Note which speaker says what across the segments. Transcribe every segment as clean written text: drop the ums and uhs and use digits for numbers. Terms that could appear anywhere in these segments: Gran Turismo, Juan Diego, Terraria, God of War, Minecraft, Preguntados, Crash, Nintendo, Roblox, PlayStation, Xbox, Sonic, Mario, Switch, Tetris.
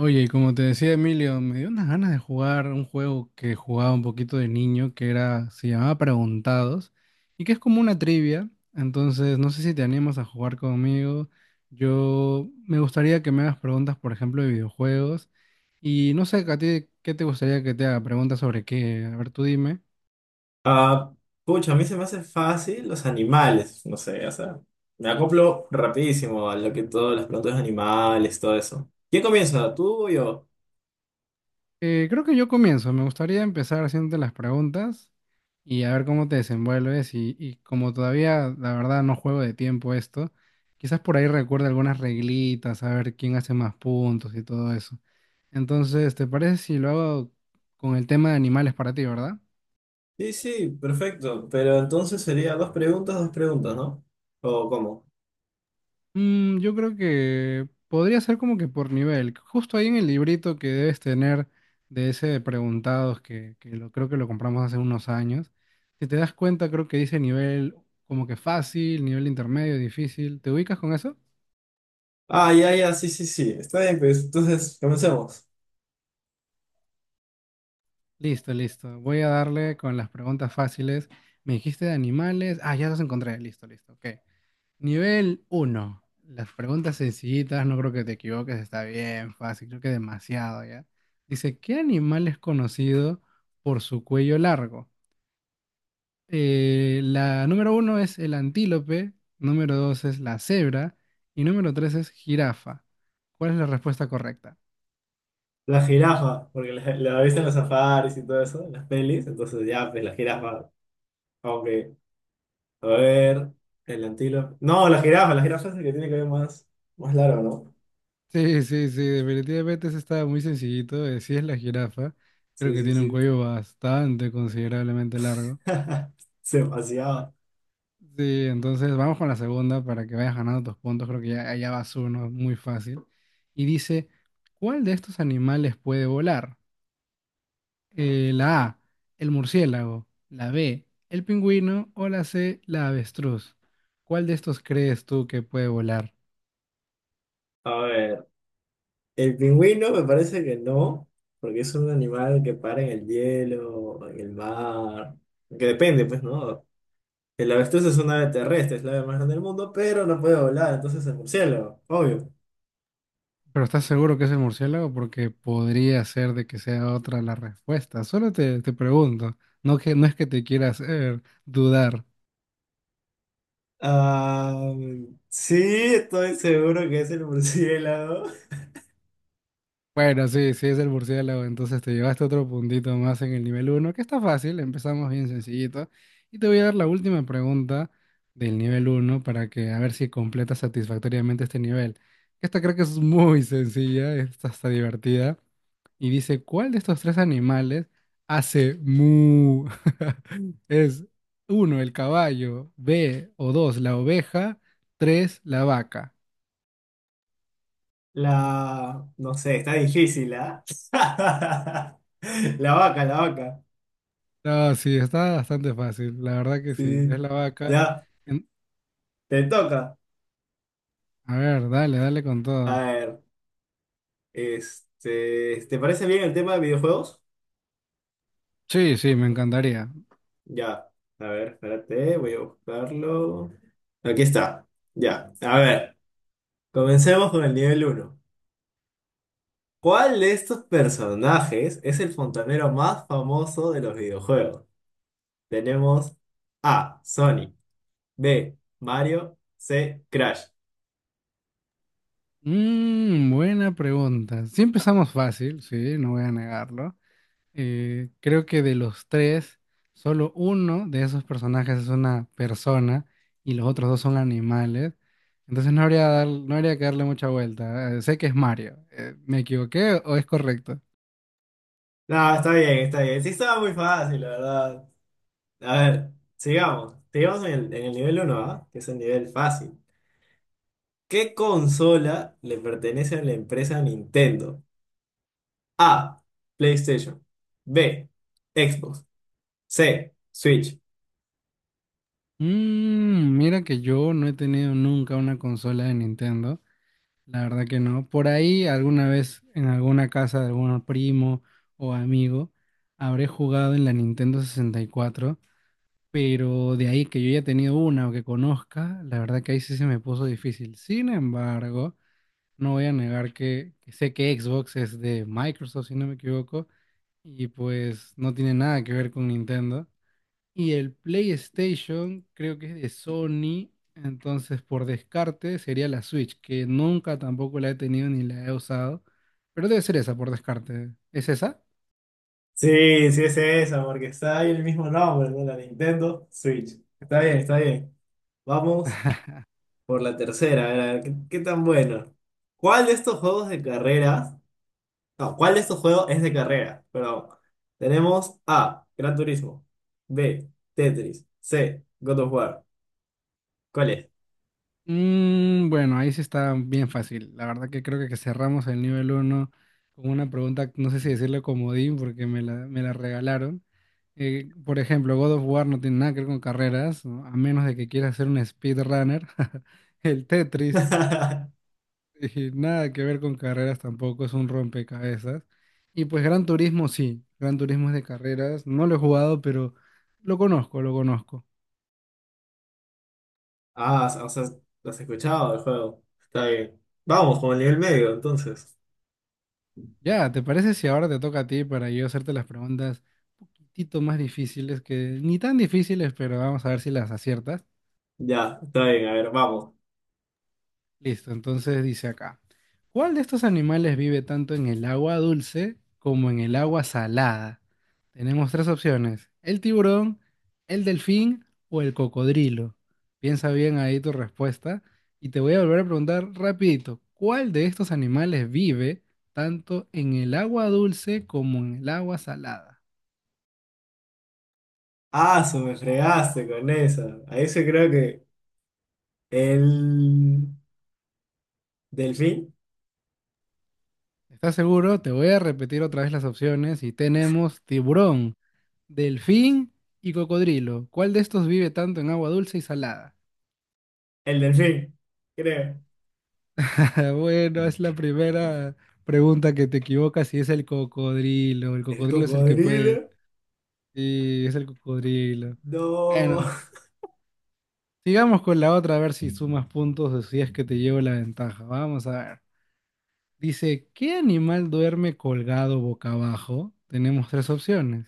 Speaker 1: Oye, y como te decía Emilio, me dio unas ganas de jugar un juego que jugaba un poquito de niño, se llamaba Preguntados, y que es como una trivia. Entonces, no sé si te animas a jugar conmigo. Yo me gustaría que me hagas preguntas, por ejemplo, de videojuegos. Y no sé, a ti, ¿qué te gustaría que te haga? Preguntas sobre qué. A ver, tú dime.
Speaker 2: Ah, pucha, a mí se me hace fácil los animales, no sé, o sea, me acoplo rapidísimo a lo que todas las plantas animales, todo eso. ¿Quién comienza? ¿Tú o yo?
Speaker 1: Creo que yo comienzo. Me gustaría empezar haciéndote las preguntas y a ver cómo te desenvuelves. Y como todavía, la verdad, no juego de tiempo esto, quizás por ahí recuerde algunas reglitas, a ver quién hace más puntos y todo eso. Entonces, ¿te parece si lo hago con el tema de animales para ti, verdad?
Speaker 2: Sí, sí, perfecto, pero entonces sería dos preguntas, ¿no? ¿O cómo?
Speaker 1: Yo creo que podría ser como que por nivel. Justo ahí en el librito que debes tener de ese de preguntados que creo que lo compramos hace unos años. Si te das cuenta, creo que dice nivel como que fácil, nivel intermedio, difícil. ¿Te ubicas con eso?
Speaker 2: Ah, ya, ya, sí, sí, sí, está bien, pues entonces comencemos.
Speaker 1: Listo, listo. Voy a darle con las preguntas fáciles. Me dijiste de animales. Ah, ya los encontré. Listo, listo. Ok. Nivel uno. Las preguntas sencillitas, no creo que te equivoques, está bien, fácil, creo que demasiado ya. Dice, ¿qué animal es conocido por su cuello largo? La número uno es el antílope, número 2 es la cebra y número 3 es jirafa. ¿Cuál es la respuesta correcta?
Speaker 2: La jirafa, porque la viste en los safaris y todo eso, en las pelis, entonces ya, pues la jirafa, aunque, a ver, el antílope. No, la jirafa es el que tiene que ver más, más largo, ¿no?
Speaker 1: Sí, sí, sí, definitivamente ese está muy sencillito. Sí es la jirafa, creo
Speaker 2: Sí,
Speaker 1: que
Speaker 2: sí,
Speaker 1: tiene un
Speaker 2: sí.
Speaker 1: cuello bastante considerablemente largo.
Speaker 2: Se paseaba.
Speaker 1: Sí, entonces vamos con la segunda para que vayas ganando tus puntos. Creo que ya, allá vas uno, muy fácil. Y dice, ¿cuál de estos animales puede volar? La A, el murciélago, la B, el pingüino o la C, la avestruz. ¿Cuál de estos crees tú que puede volar?
Speaker 2: A ver, el pingüino me parece que no, porque es un animal que para en el hielo, en el mar. Que depende, pues, ¿no? El avestruz es una ave terrestre, es la ave más grande del mundo, pero no puede volar, entonces es murciélago, obvio.
Speaker 1: Pero ¿estás seguro que es el murciélago? Porque podría ser de que sea otra la respuesta. Solo te pregunto, no es que te quiera hacer dudar.
Speaker 2: Ah, sí, estoy seguro que es el murciélago.
Speaker 1: Bueno, sí, sí es el murciélago, entonces te llevaste otro puntito más en el nivel uno, que está fácil, empezamos bien sencillito. Y te voy a dar la última pregunta del nivel uno para que a ver si completas satisfactoriamente este nivel. Esta creo que es muy sencilla, esta está divertida. Y dice, ¿cuál de estos tres animales hace mu? Es uno, el caballo, B o dos, la oveja, tres, la vaca.
Speaker 2: La, no sé, está difícil, ¿ah? La vaca, la vaca.
Speaker 1: No, sí, está bastante fácil, la verdad que sí,
Speaker 2: Sí.
Speaker 1: es la vaca.
Speaker 2: Ya,
Speaker 1: En-
Speaker 2: te toca.
Speaker 1: A ver, dale, dale con
Speaker 2: A
Speaker 1: todo.
Speaker 2: ver, este, ¿te parece bien el tema de videojuegos?
Speaker 1: Sí, sí, me encantaría.
Speaker 2: Ya, a ver, espérate, voy a buscarlo. Aquí está, ya. A ver, comencemos con el nivel uno. ¿Cuál de estos personajes es el fontanero más famoso de los videojuegos? Tenemos A, Sonic; B, Mario; C, Crash.
Speaker 1: Mm, buena pregunta. Sí, empezamos fácil, sí, no voy a negarlo. Creo que de los tres, solo uno de esos personajes es una persona y los otros dos son animales. Entonces no habría que darle mucha vuelta. Sé que es Mario. ¿Me equivoqué o es correcto?
Speaker 2: No, está bien, está bien. Sí, estaba muy fácil, la verdad. A ver, sigamos. Sigamos en el nivel uno, ¿ah? Que es el nivel fácil. ¿Qué consola le pertenece a la empresa Nintendo? A, PlayStation. B, Xbox. C, Switch.
Speaker 1: Mira que yo no he tenido nunca una consola de Nintendo, la verdad que no. Por ahí alguna vez en alguna casa de algún primo o amigo habré jugado en la Nintendo 64, pero de ahí que yo haya tenido una o que conozca, la verdad que ahí sí se me puso difícil. Sin embargo, no voy a negar que sé que Xbox es de Microsoft, si no me equivoco, y pues no tiene nada que ver con Nintendo. Y el PlayStation creo que es de Sony, entonces por descarte sería la Switch, que nunca tampoco la he tenido ni la he usado, pero debe ser esa por descarte. ¿Es esa?
Speaker 2: Sí, sí es esa, porque está ahí el mismo nombre, ¿no? La Nintendo Switch. Está bien, está bien. Vamos por la tercera, a ver, ¿qué, qué tan bueno? ¿Cuál de estos juegos de carreras? No, ¿cuál de estos juegos es de carrera? Perdón. Tenemos A, Gran Turismo. B, Tetris. C, God of War. ¿Cuál es?
Speaker 1: Bueno, ahí sí está bien fácil. La verdad que creo que cerramos el nivel uno con una pregunta, no sé si decirle comodín porque me la regalaron. Por ejemplo, God of War no tiene nada que ver con carreras, ¿no? A menos de que quieras ser un speedrunner. El Tetris y nada que ver con carreras tampoco, es un rompecabezas. Y pues Gran Turismo sí, Gran Turismo es de carreras, no lo he jugado, pero lo conozco, lo conozco.
Speaker 2: Ah, o sea, has escuchado el juego. Está bien. Vamos con el nivel medio, entonces.
Speaker 1: Ya, ¿te parece si ahora te toca a ti para yo hacerte las preguntas un poquitito más difíciles, que ni tan difíciles, pero vamos a ver si las aciertas?
Speaker 2: Ya, está bien, a ver, vamos.
Speaker 1: Listo, entonces dice acá, ¿cuál de estos animales vive tanto en el agua dulce como en el agua salada? Tenemos tres opciones, el tiburón, el delfín o el cocodrilo. Piensa bien ahí tu respuesta y te voy a volver a preguntar rapidito, ¿cuál de estos animales vive tanto en el agua dulce como en el agua salada?
Speaker 2: Ah, su, me fregaste con esa. A ese creo que el delfín,
Speaker 1: ¿Estás seguro? Te voy a repetir otra vez las opciones y tenemos tiburón, delfín y cocodrilo. ¿Cuál de estos vive tanto en agua dulce y salada?
Speaker 2: el delfín, creo.
Speaker 1: Bueno, es la primera pregunta que te equivocas y es el cocodrilo. El
Speaker 2: El
Speaker 1: cocodrilo es el que puede.
Speaker 2: cocodrilo,
Speaker 1: Sí, es el cocodrilo.
Speaker 2: no.
Speaker 1: Bueno, sigamos con la otra a ver si sumas puntos o si es que te llevo la ventaja. Vamos a ver. Dice, ¿qué animal duerme colgado boca abajo? Tenemos tres opciones.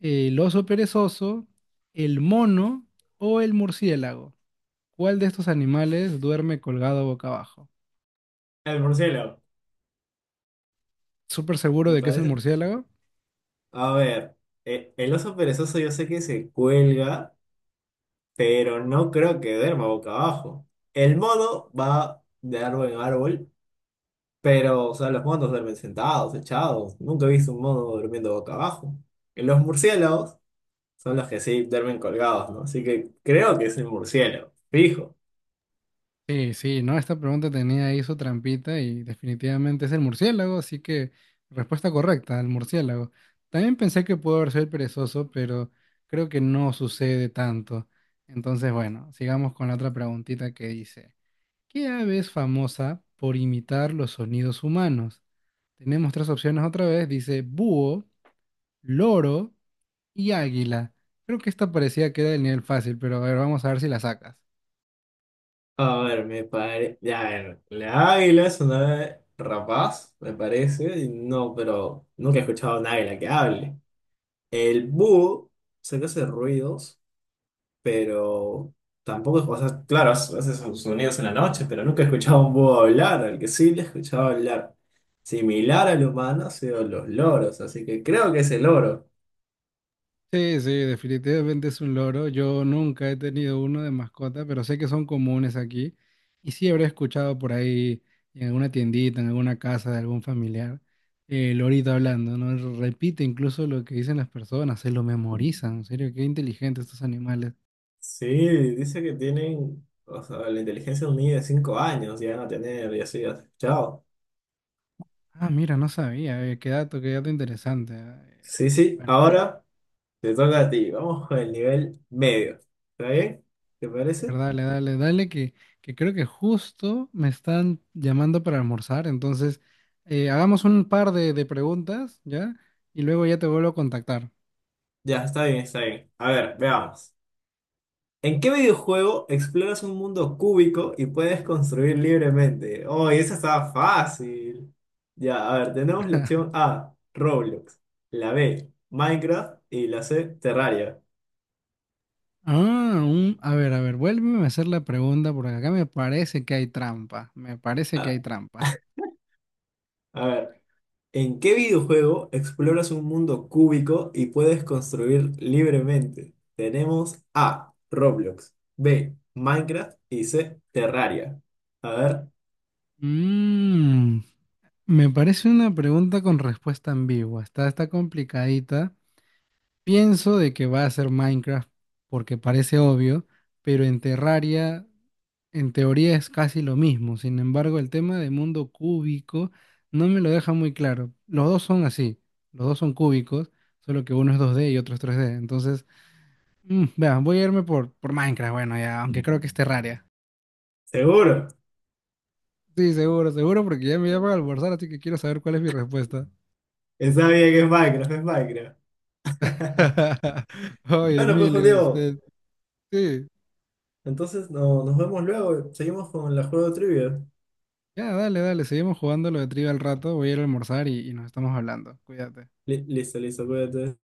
Speaker 1: El oso perezoso, el mono o el murciélago. ¿Cuál de estos animales duerme colgado boca abajo?
Speaker 2: El murciélago,
Speaker 1: ¿Súper seguro
Speaker 2: me
Speaker 1: de que es el
Speaker 2: parece.
Speaker 1: murciélago?
Speaker 2: A ver, el oso perezoso yo sé que se cuelga, pero no creo que duerma boca abajo. El mono va de árbol en árbol. Pero, o sea, los monos duermen sentados, echados. Nunca he visto un mono durmiendo boca abajo. Y los murciélagos son los que sí duermen colgados, ¿no? Así que creo que es el murciélago, fijo.
Speaker 1: Sí, sí, ¿no? Esta pregunta tenía ahí su trampita y definitivamente es el murciélago, así que respuesta correcta, el murciélago. También pensé que pudo haber sido el perezoso, pero creo que no sucede tanto. Entonces, bueno, sigamos con la otra preguntita que dice. ¿Qué ave es famosa por imitar los sonidos humanos? Tenemos tres opciones otra vez. Dice búho, loro y águila. Creo que esta parecía que era del nivel fácil, pero a ver, vamos a ver si la sacas.
Speaker 2: A ver, me parece. Ya, a ver, la águila es una ave rapaz, me parece. Y no, pero nunca he escuchado a un águila que hable. El búho, sé que hace ruidos, pero tampoco, o sea, claro, hace sus sonidos en la noche, pero nunca he escuchado a un búho hablar, al que sí le he escuchado hablar similar al humano ha sido los loros, así que creo que es el loro.
Speaker 1: Sí, sí, definitivamente es un loro. Yo nunca he tenido uno de mascota, pero sé que son comunes aquí. Y sí habré escuchado por ahí en alguna tiendita, en alguna casa de algún familiar, el lorito hablando, ¿no? Repite incluso lo que dicen las personas, se lo memorizan. En serio, qué inteligentes estos animales.
Speaker 2: Sí, dice que tienen, o sea, la inteligencia de un niño de 5 años llegan a tener y así, ¿has escuchado?
Speaker 1: Ah, mira, no sabía. Qué dato interesante.
Speaker 2: Sí, sí,
Speaker 1: Bueno,
Speaker 2: ahora te toca a ti, vamos con el nivel medio, ¿está bien? ¿Te
Speaker 1: a
Speaker 2: parece?
Speaker 1: ver, dale, dale, dale, que creo que justo me están llamando para almorzar. Entonces, hagamos un par de preguntas, ¿ya? Y luego ya te vuelvo a contactar.
Speaker 2: Ya, está bien, está bien. A ver, veamos. ¿En qué videojuego exploras un mundo cúbico y puedes construir libremente? Oh, y esa estaba fácil. Ya, a ver, tenemos la opción A, Roblox; la B, Minecraft; y la C, Terraria.
Speaker 1: Ah, a ver, vuélveme a hacer la pregunta porque acá me parece que hay trampa. Me parece que hay
Speaker 2: Ah,
Speaker 1: trampa.
Speaker 2: a ver, ¿en qué videojuego exploras un mundo cúbico y puedes construir libremente? Tenemos A, Roblox; B, Minecraft; y C, Terraria. A ver,
Speaker 1: Mm, me parece una pregunta con respuesta ambigua. Está, está complicadita. Pienso de que va a ser Minecraft porque parece obvio, pero en Terraria en teoría es casi lo mismo. Sin embargo, el tema de mundo cúbico no me lo deja muy claro. Los dos son así, los dos son cúbicos, solo que uno es 2D y otro es 3D. Entonces, vea, voy a irme por, Minecraft, bueno, ya, aunque creo que es Terraria.
Speaker 2: seguro.
Speaker 1: Sí, seguro, seguro, porque ya me llaman a almorzar, así que quiero saber cuál es mi respuesta.
Speaker 2: Está bien que es Minecraft, es Minecraft.
Speaker 1: Oye,
Speaker 2: Bueno, pues, Juan
Speaker 1: Emilio,
Speaker 2: Diego.
Speaker 1: sí.
Speaker 2: Entonces no, nos vemos luego. Seguimos con la juego de trivia.
Speaker 1: Ya, dale, dale, seguimos jugando lo de trivia al rato, voy a ir a almorzar y nos estamos hablando. Cuídate.
Speaker 2: Listo, listo, cuídate.